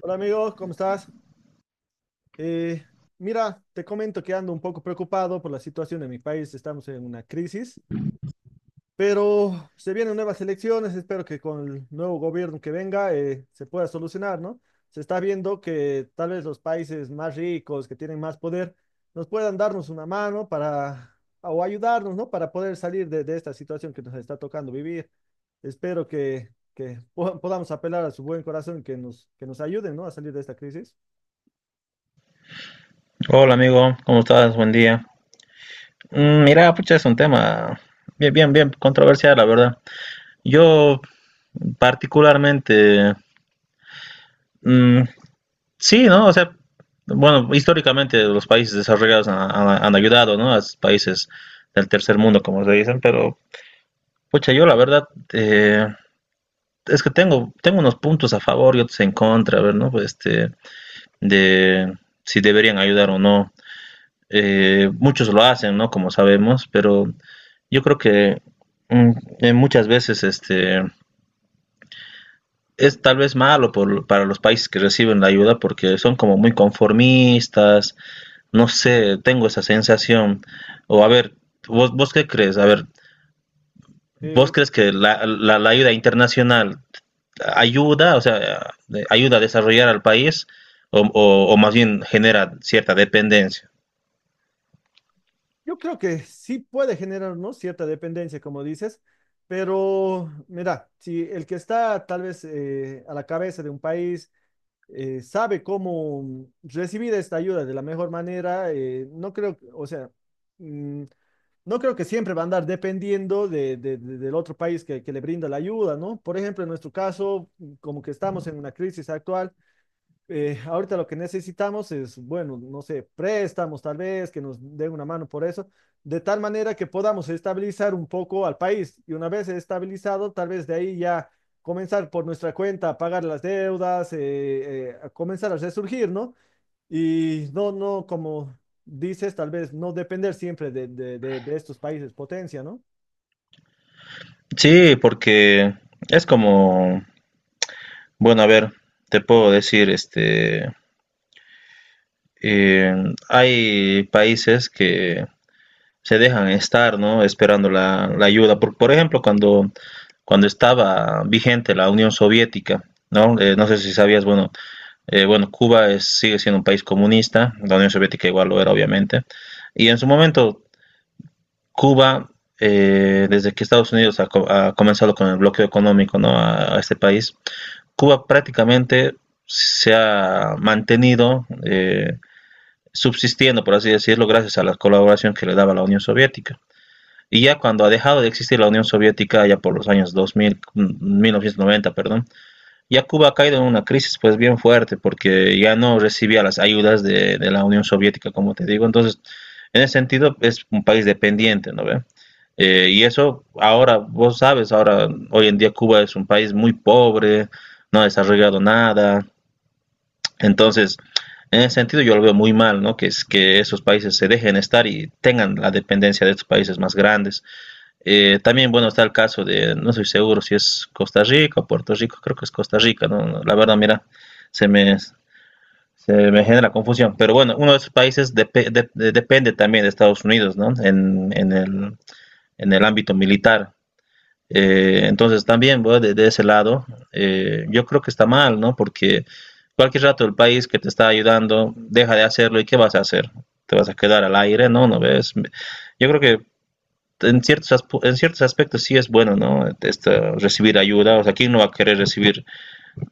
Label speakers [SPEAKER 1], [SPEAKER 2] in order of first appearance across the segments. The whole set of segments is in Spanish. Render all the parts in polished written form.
[SPEAKER 1] Hola amigos, ¿cómo estás? Eh, mira, te comento que ando un poco preocupado por la situación de mi país. Estamos en una crisis, pero se vienen nuevas elecciones. Espero que con el nuevo gobierno que venga se pueda solucionar, ¿no? Se está viendo que tal vez los países más ricos, que tienen más poder, nos puedan darnos una mano para, o ayudarnos, ¿no? Para poder salir de esta situación que nos está tocando vivir. Espero que podamos apelar a su buen corazón y que nos ayuden, ¿no? A salir de esta crisis.
[SPEAKER 2] Hola amigo, ¿cómo estás? Buen día. Mira, pucha, es un tema bien controversial, la verdad. Yo particularmente, mm, sí, ¿no? O sea, bueno, históricamente los países desarrollados han ayudado, ¿no? A los países del tercer mundo, como se dicen, pero, pucha, yo la verdad, eh, es que tengo unos puntos a favor y otros en contra, a ver, ¿no? Pues, este, de si deberían ayudar o no. Muchos lo hacen, ¿no? Como sabemos, pero yo creo que mm, muchas veces este, es tal vez para los países que reciben la ayuda porque son como muy conformistas, no sé, tengo esa sensación. O a ver, ¿ vos qué crees? A ver, ¿vos
[SPEAKER 1] Eh,
[SPEAKER 2] crees que la ayuda internacional ayuda, o sea, ayuda a desarrollar al país o más bien genera cierta dependencia?
[SPEAKER 1] Yo creo que sí puede generar, ¿no? Cierta dependencia, como dices, pero mira, si el que está tal vez a la cabeza de un país sabe cómo recibir esta ayuda de la mejor manera, no creo, o sea, mm, no creo que siempre va a andar dependiendo del otro país que le brinda la ayuda, ¿no? Por ejemplo, en nuestro caso, como que estamos en una crisis actual. Ahorita lo que necesitamos es, bueno, no sé, préstamos tal vez, que nos den una mano por eso, de tal manera que podamos estabilizar un poco al país. Y una vez estabilizado, tal vez de ahí ya comenzar por nuestra cuenta a pagar las deudas, a comenzar a resurgir, ¿no? Y no, no, como dices, tal vez no depender siempre de estos países potencia, ¿no?
[SPEAKER 2] Sí, porque es como... Bueno, a ver, te puedo decir, este, eh, hay países que se dejan estar, ¿no? Esperando la ayuda. Por ejemplo, cuando estaba vigente la Unión Soviética, ¿no? No sé si sabías, bueno, bueno, sigue siendo un país comunista, la Unión Soviética igual lo era, obviamente. Y en su momento, Cuba, desde que Estados Unidos ha comenzado con el bloqueo económico, ¿no? A este país, Cuba prácticamente se ha mantenido subsistiendo, por así decirlo, gracias a la colaboración que le daba la Unión Soviética. Y ya cuando ha dejado de existir la Unión Soviética, ya por los años 2000, 1990, perdón, ya Cuba ha caído en una crisis pues bien fuerte porque ya no recibía las ayudas de la Unión Soviética, como te digo. Entonces, en ese sentido es un país dependiente, ¿no ve? Y eso ahora, vos sabes, ahora hoy en día Cuba es un país muy pobre, no ha desarrollado nada. Entonces, en ese sentido yo lo veo muy mal, ¿no? Que, es, que esos países se dejen estar y tengan la dependencia de estos países más grandes. También, bueno, está el caso de, no soy seguro si es Costa Rica o Puerto Rico, creo que es Costa Rica, ¿no? No, la verdad, mira, se me, se me genera confusión. Pero bueno, uno de esos países depende también de Estados Unidos, ¿no? En el ámbito militar. Entonces, también, bueno, de ese lado, yo creo que está mal, ¿no? Porque cualquier rato el país que te está ayudando deja de hacerlo y ¿qué vas a hacer? ¿Te vas a quedar al aire? No, no ves. Yo creo que en ciertos, en ciertos aspectos sí es bueno, ¿no? Este, recibir ayuda, o sea, ¿quién no va a querer recibir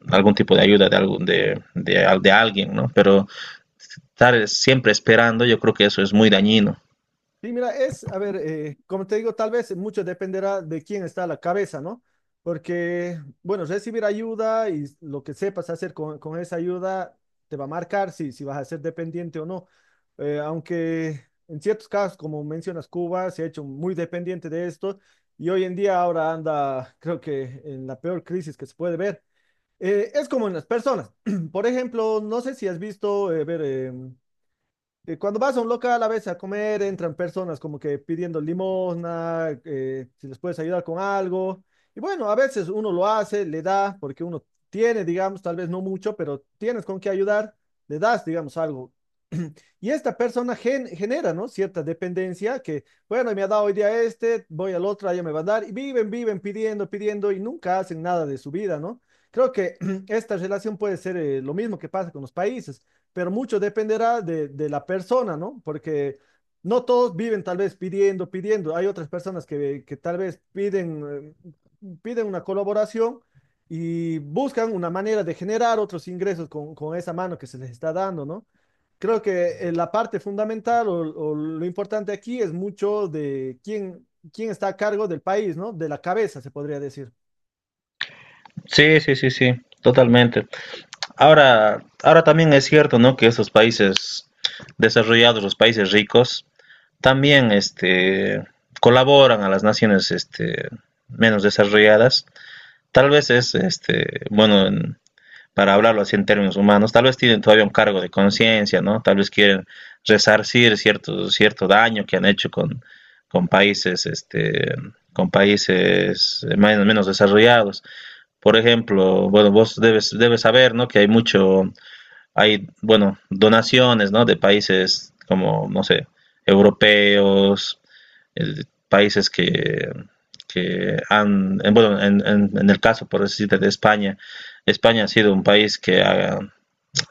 [SPEAKER 2] algún tipo de ayuda de, algún, de alguien, ¿no? Pero estar siempre esperando, yo creo que eso es muy dañino.
[SPEAKER 1] Sí, mira, es, a ver, como te digo, tal vez mucho dependerá de quién está a la cabeza, ¿no? Porque, bueno, recibir ayuda y lo que sepas hacer con esa ayuda te va a marcar si, si vas a ser dependiente o no. Aunque en ciertos casos, como mencionas, Cuba se ha hecho muy dependiente de esto y hoy en día ahora anda, creo que en la peor crisis que se puede ver. Es como en las personas. Por ejemplo, no sé si has visto, cuando vas a un local a veces a comer, entran personas como que pidiendo limosna, si les puedes ayudar con algo. Y bueno, a veces uno lo hace, le da, porque uno tiene, digamos, tal vez no mucho, pero tienes con qué ayudar, le das, digamos, algo. Y esta persona genera, ¿no? Cierta dependencia que, bueno, me ha dado hoy día este, voy al otro, allá me va a dar, y viven, viven pidiendo, pidiendo, y nunca hacen nada de su vida, ¿no? Creo que esta relación puede ser lo mismo que pasa con los países, pero mucho dependerá de la persona, ¿no? Porque no todos viven tal vez pidiendo, pidiendo. Hay otras personas que tal vez piden, piden una colaboración y buscan una manera de generar otros ingresos con esa mano que se les está dando, ¿no? Creo que la parte fundamental o lo importante aquí es mucho de quién, quién está a cargo del país, ¿no? De la cabeza, se podría decir.
[SPEAKER 2] Sí, sí, sí, sí, totalmente. Ahora también es cierto, ¿no? Que esos países desarrollados, los países ricos, también este, colaboran a las naciones este, menos desarrolladas. Tal vez es, este, bueno, para hablarlo así en términos humanos, tal vez tienen todavía un cargo de conciencia, ¿no? Tal vez quieren resarcir cierto daño que han hecho con países, este, con países más o menos desarrollados. Por ejemplo, bueno, vos debes saber, ¿no? Que hay mucho, hay, bueno, donaciones, ¿no? De países como, no sé, europeos, el, países que han, en, bueno, el caso, por decirte, de España, España ha sido un país que ha,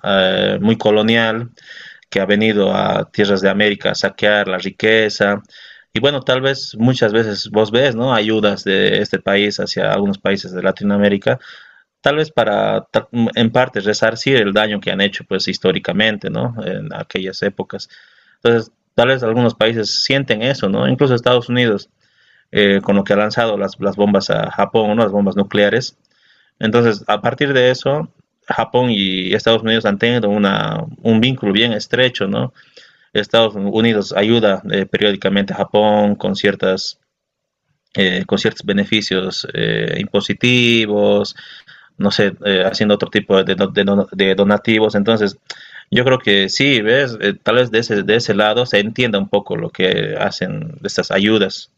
[SPEAKER 2] muy colonial, que ha venido a tierras de América a saquear la riqueza. Y bueno, tal vez muchas veces vos ves, ¿no? Ayudas de este país hacia algunos países de Latinoamérica, tal vez para, en parte, resarcir el daño que han hecho, pues, históricamente, ¿no? En aquellas épocas. Entonces, tal vez algunos países sienten eso, ¿no? Incluso Estados Unidos con lo que ha lanzado las bombas a Japón, ¿no? Las bombas nucleares. Entonces, a partir de eso, Japón y Estados Unidos han tenido una, un vínculo bien estrecho, ¿no? Estados Unidos ayuda periódicamente a Japón con ciertas con ciertos beneficios impositivos, no sé, haciendo otro tipo de donativos. Entonces, yo creo que sí, ¿ves? Tal vez de de ese lado se entienda un poco lo que hacen estas ayudas.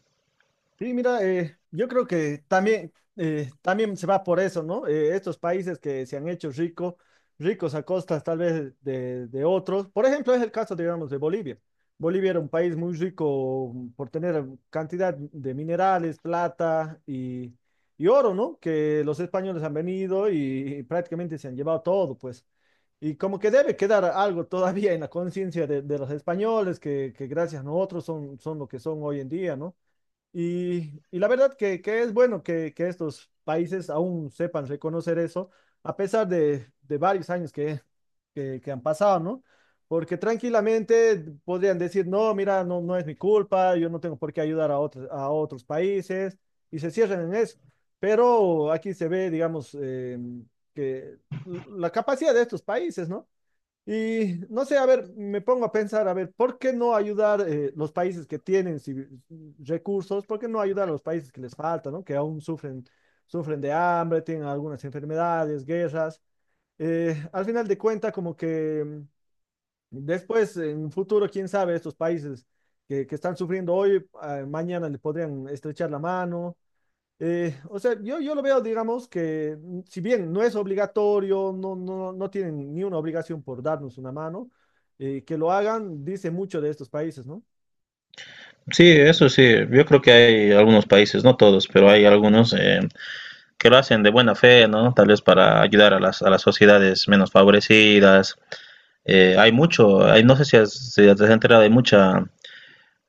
[SPEAKER 1] Sí, mira, yo creo que también, también se va por eso, ¿no? Estos países que se han hecho ricos a costas tal vez de otros. Por ejemplo, es el caso, digamos, de Bolivia. Bolivia era un país muy rico por tener cantidad de minerales, plata y oro, ¿no? Que los españoles han venido y prácticamente se han llevado todo, pues. Y como que debe quedar algo todavía en la conciencia de los españoles, que gracias a nosotros son, son lo que son hoy en día, ¿no? Y la verdad que es bueno que estos países aún sepan reconocer eso, a pesar de varios años que han pasado, ¿no? Porque tranquilamente podrían decir, no, mira, no, no es mi culpa, yo no tengo por qué ayudar a otros países, y se cierran en eso. Pero aquí se ve, digamos, que la capacidad de estos países, ¿no? Y no sé, a ver, me pongo a pensar, a ver, ¿por qué no ayudar los países que tienen recursos? ¿Por qué no ayudar a los países que les faltan, ¿no? Que aún sufren, sufren de hambre, tienen algunas enfermedades, guerras. Al final de cuentas, como que después, en un futuro, quién sabe, estos países que están sufriendo hoy, ah, mañana le podrían estrechar la mano o sea, yo lo veo, digamos, que mm, si bien no es obligatorio, no, no, no tienen ni una obligación por darnos una mano, que lo hagan, dice mucho de estos países, ¿no?
[SPEAKER 2] Sí, eso sí, yo creo que hay algunos países, no todos, pero hay algunos que lo hacen de buena fe, ¿no? Tal vez para ayudar a a las sociedades menos favorecidas. Hay mucho, hay, no sé si, si te has enterado, hay mucha,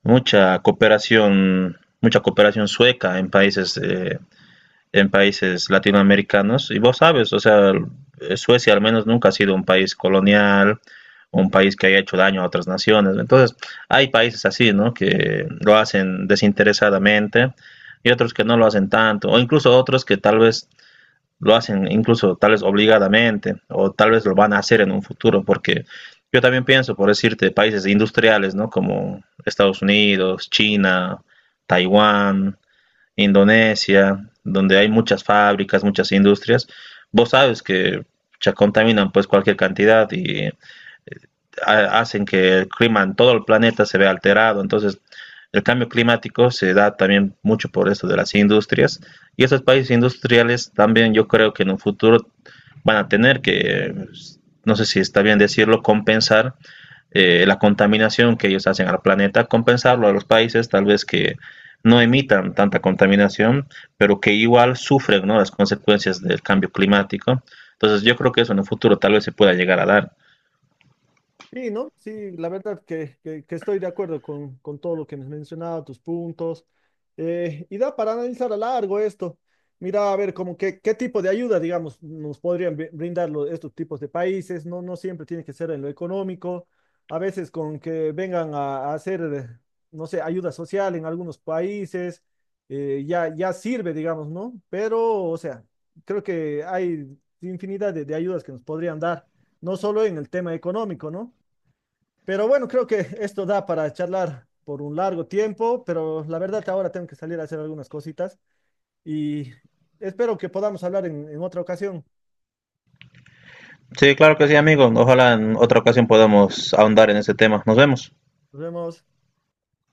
[SPEAKER 2] mucha cooperación sueca en países latinoamericanos. Y vos sabes, o sea, Suecia al menos nunca ha sido un país colonial, un país que haya hecho daño a otras naciones. Entonces, hay países así, ¿no? Que lo hacen desinteresadamente y otros que no lo hacen tanto, o incluso otros que tal vez lo hacen incluso tal vez obligadamente o tal vez lo van a hacer en un futuro, porque yo también pienso, por decirte, países industriales, ¿no? Como Estados Unidos, China, Taiwán, Indonesia, donde hay muchas fábricas, muchas industrias, vos sabes que ya contaminan pues cualquier cantidad y hacen que el clima en todo el planeta se vea alterado. Entonces, el cambio climático se da también mucho por esto de las industrias y esos países industriales también yo creo que en un futuro van a tener que, no sé si está bien decirlo, compensar la contaminación que ellos hacen al planeta, compensarlo a los países tal vez que no emitan tanta contaminación, pero que igual sufren ¿no? Las consecuencias del cambio climático. Entonces yo creo que eso en el futuro tal vez se pueda llegar a dar.
[SPEAKER 1] Sí, ¿no? Sí, la verdad que estoy de acuerdo con todo lo que me has mencionado, tus puntos. Y da para analizar a largo esto. Mira, a ver, como que, qué tipo de ayuda, digamos, nos podrían brindar estos tipos de países. No, no siempre tiene que ser en lo económico. A veces con que vengan a hacer, no sé, ayuda social en algunos países, ya sirve, digamos, ¿no? Pero, o sea, creo que hay infinidad de ayudas que nos podrían dar, no solo en el tema económico, ¿no? Pero bueno, creo que esto da para charlar por un largo tiempo, pero la verdad ahora tengo que salir a hacer algunas cositas y espero que podamos hablar en otra ocasión.
[SPEAKER 2] Sí, claro que sí, amigo. Ojalá en otra ocasión podamos ahondar en ese tema. Nos vemos.
[SPEAKER 1] Nos vemos.